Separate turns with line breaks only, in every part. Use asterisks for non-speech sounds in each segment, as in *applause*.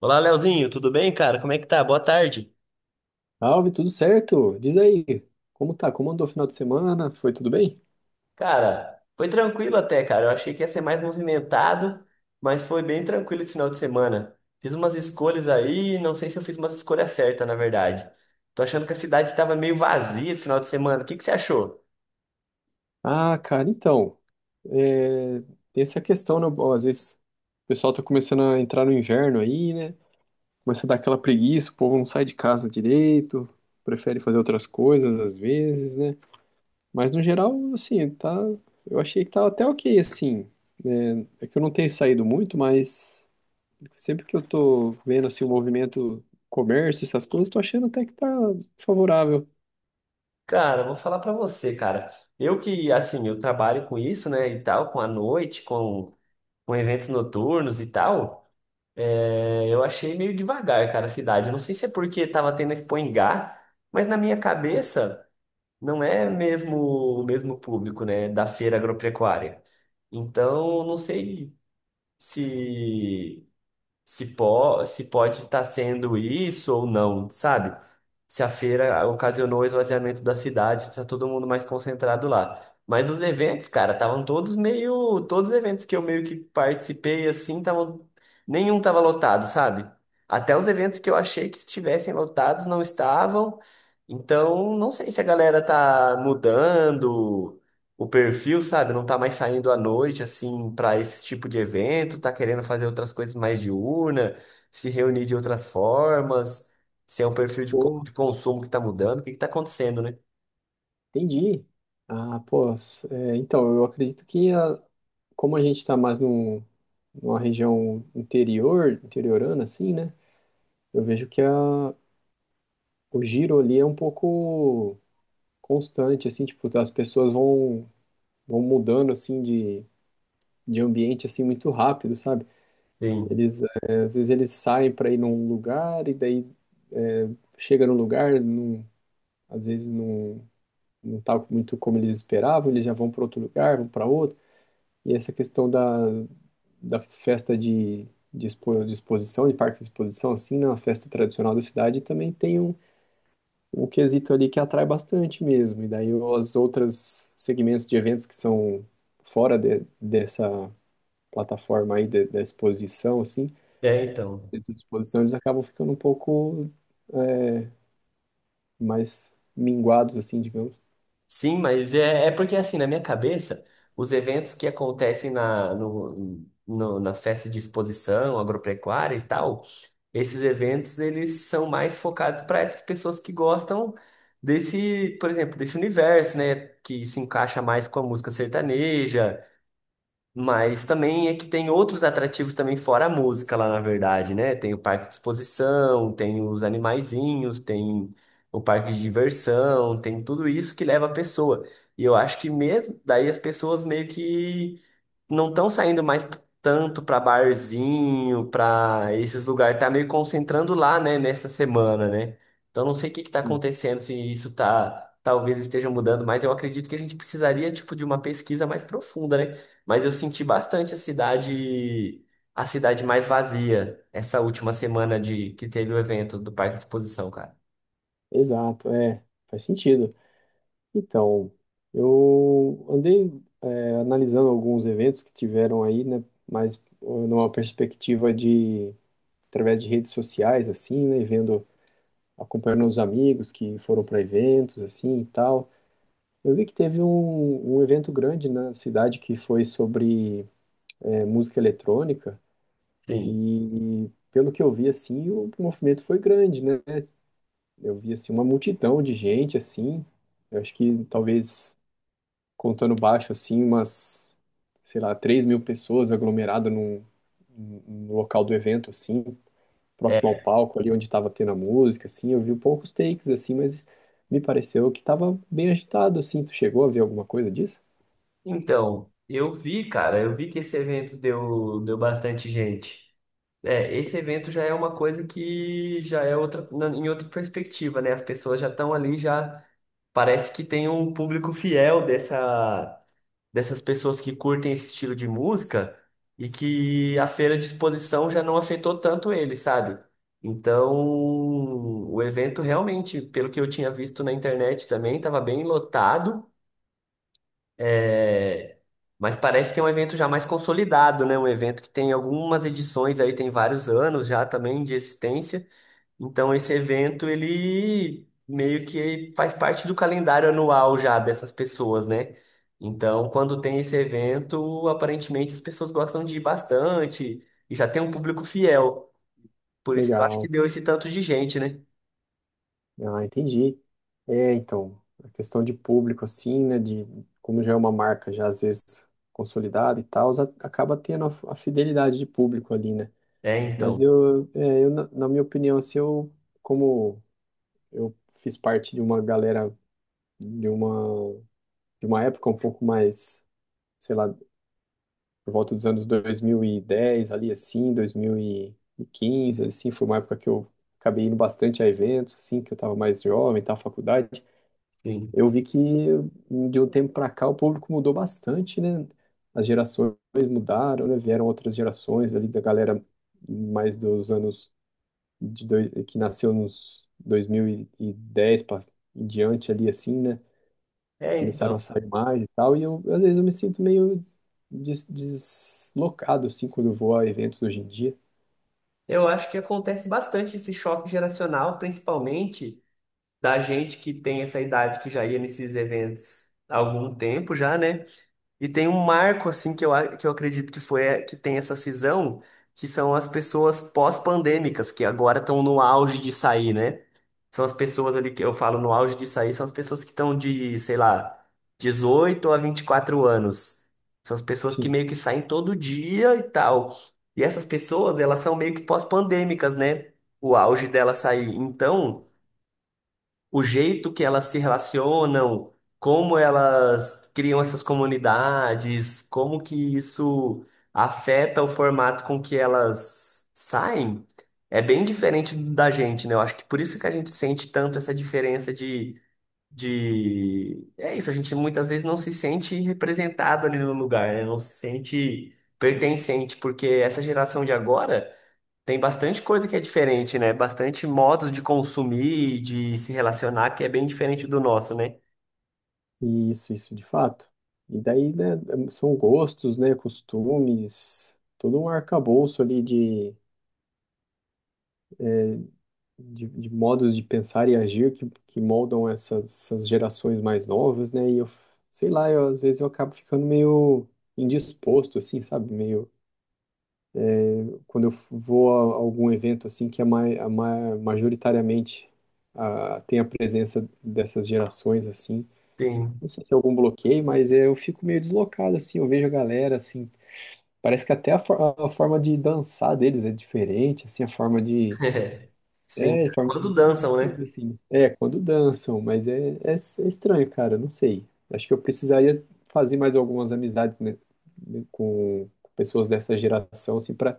Olá, Leozinho, tudo bem, cara? Como é que tá? Boa tarde.
Salve, tudo certo? Diz aí, como tá? Como andou o final de semana? Foi tudo bem?
Cara, foi tranquilo até, cara. Eu achei que ia ser mais movimentado, mas foi bem tranquilo esse final de semana. Fiz umas escolhas aí, não sei se eu fiz umas escolhas certas, na verdade. Tô achando que a cidade estava meio vazia esse final de semana. O que que você achou?
Ah, cara, então, é, essa é a questão, né? Bom, às vezes o pessoal tá começando a entrar no inverno aí, né? Começa a dar aquela preguiça, o povo não sai de casa direito, prefere fazer outras coisas às vezes, né? Mas no geral, assim, tá... Eu achei que tá até ok, assim, né? É que eu não tenho saído muito, mas sempre que eu tô vendo, assim, o movimento, comércio, essas coisas, tô achando até que tá favorável.
Cara, vou falar pra você, cara. Eu que, assim, eu trabalho com isso, né, e tal, com a noite, com eventos noturnos e tal. É, eu achei meio devagar, cara, a cidade. Eu não sei se é porque tava tendo a Expo em Gá, mas na minha cabeça não é mesmo o mesmo público, né, da feira agropecuária. Então, não sei se se, po se pode estar sendo isso ou não, sabe? Se a feira ocasionou o esvaziamento da cidade, tá todo mundo mais concentrado lá. Mas os eventos, cara, estavam todos meio. Todos os eventos que eu meio que participei, assim, estavam. Nenhum tava lotado, sabe? Até os eventos que eu achei que estivessem lotados não estavam. Então, não sei se a galera tá mudando o perfil, sabe? Não tá mais saindo à noite, assim, para esse tipo de evento, tá querendo fazer outras coisas mais diurna, se reunir de outras formas, se é um perfil de,
Pô,
de consumo que tá mudando, o que que tá acontecendo, né?
entendi. Ah, pô, s- é, então, eu acredito que como a gente está mais numa região interior, interiorana, assim, né? Eu vejo que o giro ali é um pouco constante, assim, tipo, as pessoas vão mudando, assim, de ambiente, assim, muito rápido, sabe?
Sim.
Eles, às vezes eles saem para ir num lugar e daí, é, chega no lugar, não, às vezes não, não tá muito como eles esperavam, eles já vão para outro lugar, vão para outro. E essa questão da festa de exposição, de parque de exposição, assim, na festa tradicional da cidade, também tem um, um quesito ali que atrai bastante mesmo. E daí os outros segmentos de eventos que são dessa plataforma aí, da exposição, assim,
É, então.
dentro de exposição, eles acabam ficando um pouco mais minguados, assim, digamos.
Sim, mas é, é porque, assim, na minha cabeça, os eventos que acontecem na, nas festas de exposição agropecuária e tal, esses eventos, eles são mais focados para essas pessoas que gostam desse, por exemplo, desse universo, né? Que se encaixa mais com a música sertaneja, mas também é que tem outros atrativos também fora a música lá, na verdade, né? Tem o parque de exposição, tem os animaizinhos, tem o parque de diversão, tem tudo isso que leva a pessoa. E eu acho que mesmo daí as pessoas meio que não estão saindo mais tanto para barzinho, para esses lugares, tá meio concentrando lá, né, nessa semana, né? Então não sei o que que tá
Sim,
acontecendo, se isso tá talvez esteja mudando, mas eu acredito que a gente precisaria tipo de uma pesquisa mais profunda, né? Mas eu senti bastante a cidade mais vazia essa última semana de que teve o evento do Parque de Exposição, cara.
exato, é, faz sentido. Então, eu andei analisando alguns eventos que tiveram aí, né, mas numa perspectiva de, através de redes sociais, assim, né, e vendo, acompanhando os amigos que foram para eventos assim e tal. Eu vi que teve um evento grande na cidade que foi sobre, música eletrônica,
Sim.
e pelo que eu vi assim, o movimento foi grande, né? Eu vi assim uma multidão de gente assim. Eu acho que talvez, contando baixo, assim, sei lá, 3.000 pessoas aglomeradas no local do evento, assim, próximo ao
É.
palco, ali onde estava tendo a música, assim. Eu vi poucos takes, assim, mas me pareceu que estava bem agitado, assim. Tu chegou a ver alguma coisa disso?
Então, eu vi, cara, eu vi que esse evento deu bastante gente. É, esse evento já é uma coisa que já é outra, em outra perspectiva, né? As pessoas já estão ali, já parece que tem um público fiel dessas pessoas que curtem esse estilo de música e que a feira de exposição já não afetou tanto ele, sabe? Então, o evento realmente, pelo que eu tinha visto na internet também, estava bem lotado, é, mas parece que é um evento já mais consolidado, né? Um evento que tem algumas edições aí, tem vários anos já também de existência. Então esse evento ele meio que faz parte do calendário anual já dessas pessoas, né? Então, quando tem esse evento, aparentemente as pessoas gostam de ir bastante e já tem um público fiel. Por isso que eu acho que
Legal.
deu esse tanto de gente, né?
Ah, entendi. É, então, a questão de público, assim, né, de como já é uma marca já às vezes consolidada e tal, acaba tendo a fidelidade de público ali, né?
É,
Mas
então,
eu, é, na minha opinião, assim, eu, como, eu fiz parte de uma galera, de uma de uma época um pouco mais, sei lá, por volta dos anos 2010 ali assim, dois mil e quinze assim, foi uma época que eu acabei indo bastante a eventos assim, que eu estava mais jovem, estava faculdade.
sim.
Eu vi que de um tempo para cá o público mudou bastante, né? As gerações mudaram, né? Vieram outras gerações ali da galera mais dos anos de dois, que nasceu nos dois mil e dez para em diante ali assim, né?
É,
Começaram a
então.
sair mais e tal, e eu, às vezes eu me sinto meio deslocado, assim, quando eu vou a eventos hoje em dia.
Eu acho que acontece bastante esse choque geracional, principalmente da gente que tem essa idade que já ia nesses eventos há algum tempo já, né? E tem um marco assim que eu acredito que foi é, que tem essa cisão, que são as pessoas pós-pandêmicas que agora estão no auge de sair, né? São as pessoas ali que eu falo no auge de sair, são as pessoas que estão de, sei lá, 18 a 24 anos. São as pessoas que
Sim,
meio que saem todo dia e tal. E essas pessoas, elas são meio que pós-pandêmicas, né? O auge dela sair. Então, o jeito que elas se relacionam, como elas criam essas comunidades, como que isso afeta o formato com que elas saem, é bem diferente da gente, né? Eu acho que por isso que a gente sente tanto essa diferença de... É isso, a gente muitas vezes não se sente representado ali no lugar, né? Não se sente pertencente, porque essa geração de agora. Tem bastante coisa que é diferente, né? Bastante modos de consumir e de se relacionar que é bem diferente do nosso, né?
e isso de fato. E daí, né, são gostos, né, costumes, todo um arcabouço ali de modos de pensar e agir que moldam essas gerações mais novas, né, e eu, sei lá, eu, às vezes eu acabo ficando meio indisposto, assim, sabe, meio, quando eu vou a algum evento assim que é majoritariamente, tem a presença dessas gerações assim,
Tem.
não sei se é algum bloqueio, mas eu fico meio deslocado assim, eu vejo a galera assim, parece que até a forma de dançar deles é diferente, assim, a forma de,
*laughs* Sim.
a forma
Quando
de
dançam,
tudo
né?
assim. É, quando dançam, mas é estranho, cara, não sei. Acho que eu precisaria fazer mais algumas amizades, né, com pessoas dessa geração assim para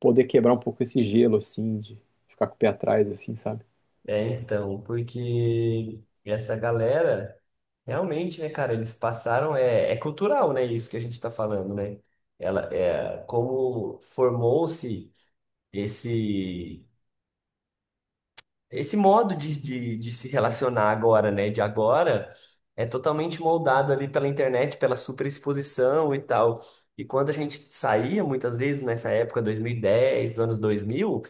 poder quebrar um pouco esse gelo, assim, de ficar com o pé atrás, assim, sabe?
É, então, porque essa galera, realmente, né, cara, eles passaram. É, é cultural, né? Isso que a gente tá falando, né? Ela, é, como formou-se esse. Esse modo de se relacionar agora, né, de agora, é totalmente moldado ali pela internet, pela superexposição e tal. E quando a gente saía, muitas vezes, nessa época, 2010, anos 2000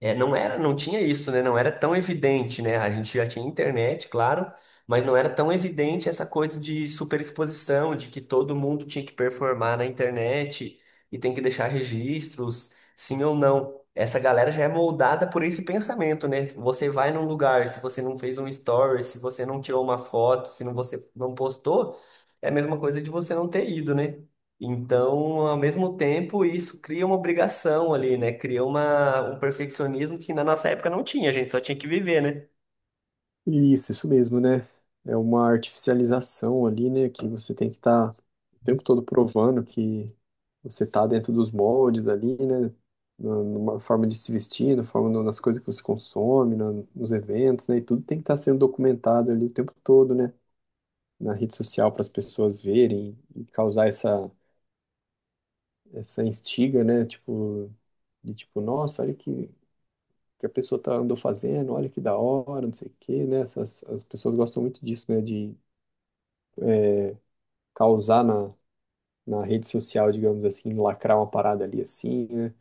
é, não era, não tinha isso, né? Não era tão evidente, né? A gente já tinha internet, claro, mas não era tão evidente essa coisa de superexposição, de que todo mundo tinha que performar na internet e tem que deixar registros, sim ou não. Essa galera já é moldada por esse pensamento, né? Você vai num lugar, se você não fez um story, se você não tirou uma foto, se não, você não postou, é a mesma coisa de você não ter ido, né? Então, ao mesmo tempo, isso cria uma obrigação ali, né? Cria uma, um perfeccionismo que na nossa época não tinha, a gente só tinha que viver, né?
Isso mesmo, né? É uma artificialização ali, né? Que você tem que estar o tempo todo provando que você está dentro dos moldes ali, né? Numa forma de se vestir, na forma, nas coisas que você consome, nos eventos, né? E tudo tem que estar sendo documentado ali o tempo todo, né? Na rede social para as pessoas verem e causar essa, essa instiga, né? Tipo, nossa, olha que a pessoa tá, andou fazendo, olha que da hora, não sei o quê, né? As pessoas gostam muito disso, né? De causar na rede social, digamos assim, lacrar uma parada ali assim, né?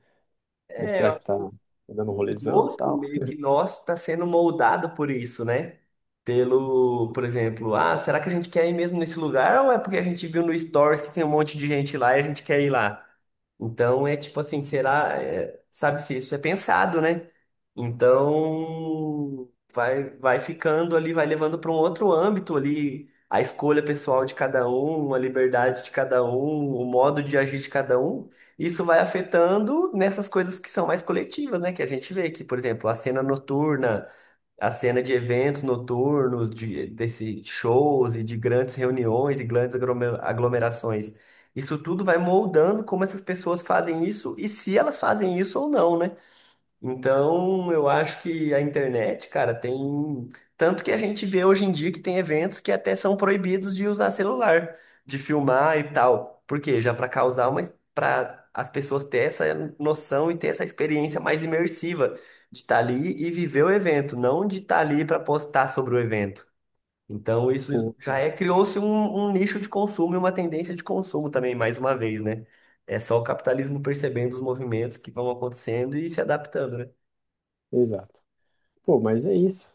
É,
Mostrar que tá dando um
o
rolezão e
gosto
tal.
meio que nosso está sendo moldado por isso, né? Pelo, por exemplo, ah, será que a gente quer ir mesmo nesse lugar ou é porque a gente viu no Stories que tem um monte de gente lá e a gente quer ir lá? Então é tipo assim, será, é, sabe se isso é pensado, né? Então vai, vai ficando ali, vai levando para um outro âmbito ali a escolha pessoal de cada um, a liberdade de cada um, o modo de agir de cada um. Isso vai afetando nessas coisas que são mais coletivas, né? Que a gente vê que, por exemplo, a cena noturna, a cena de eventos noturnos, de, desse shows e de grandes reuniões e grandes aglomerações. Isso tudo vai moldando como essas pessoas fazem isso e se elas fazem isso ou não, né? Então, eu acho que a internet, cara, tem. Tanto que a gente vê hoje em dia que tem eventos que até são proibidos de usar celular, de filmar e tal. Por quê? Já para causar uma. Para as pessoas ter essa noção e ter essa experiência mais imersiva de estar ali e viver o evento, não de estar ali para postar sobre o evento. Então, isso
Pô,
já é. Criou-se um, um nicho de consumo e uma tendência de consumo também, mais uma vez, né? É só o capitalismo percebendo os movimentos que vão acontecendo e se adaptando, né?
exato. Pô, mas é isso.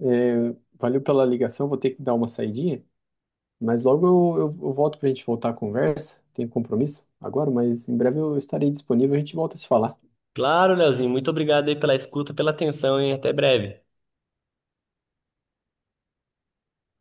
É, valeu pela ligação, vou ter que dar uma saidinha, mas logo eu volto pra gente voltar a conversa. Tenho compromisso agora, mas em breve eu estarei disponível, a gente volta a se falar.
Claro, Leozinho, muito obrigado aí pela escuta, pela atenção, hein? Até breve.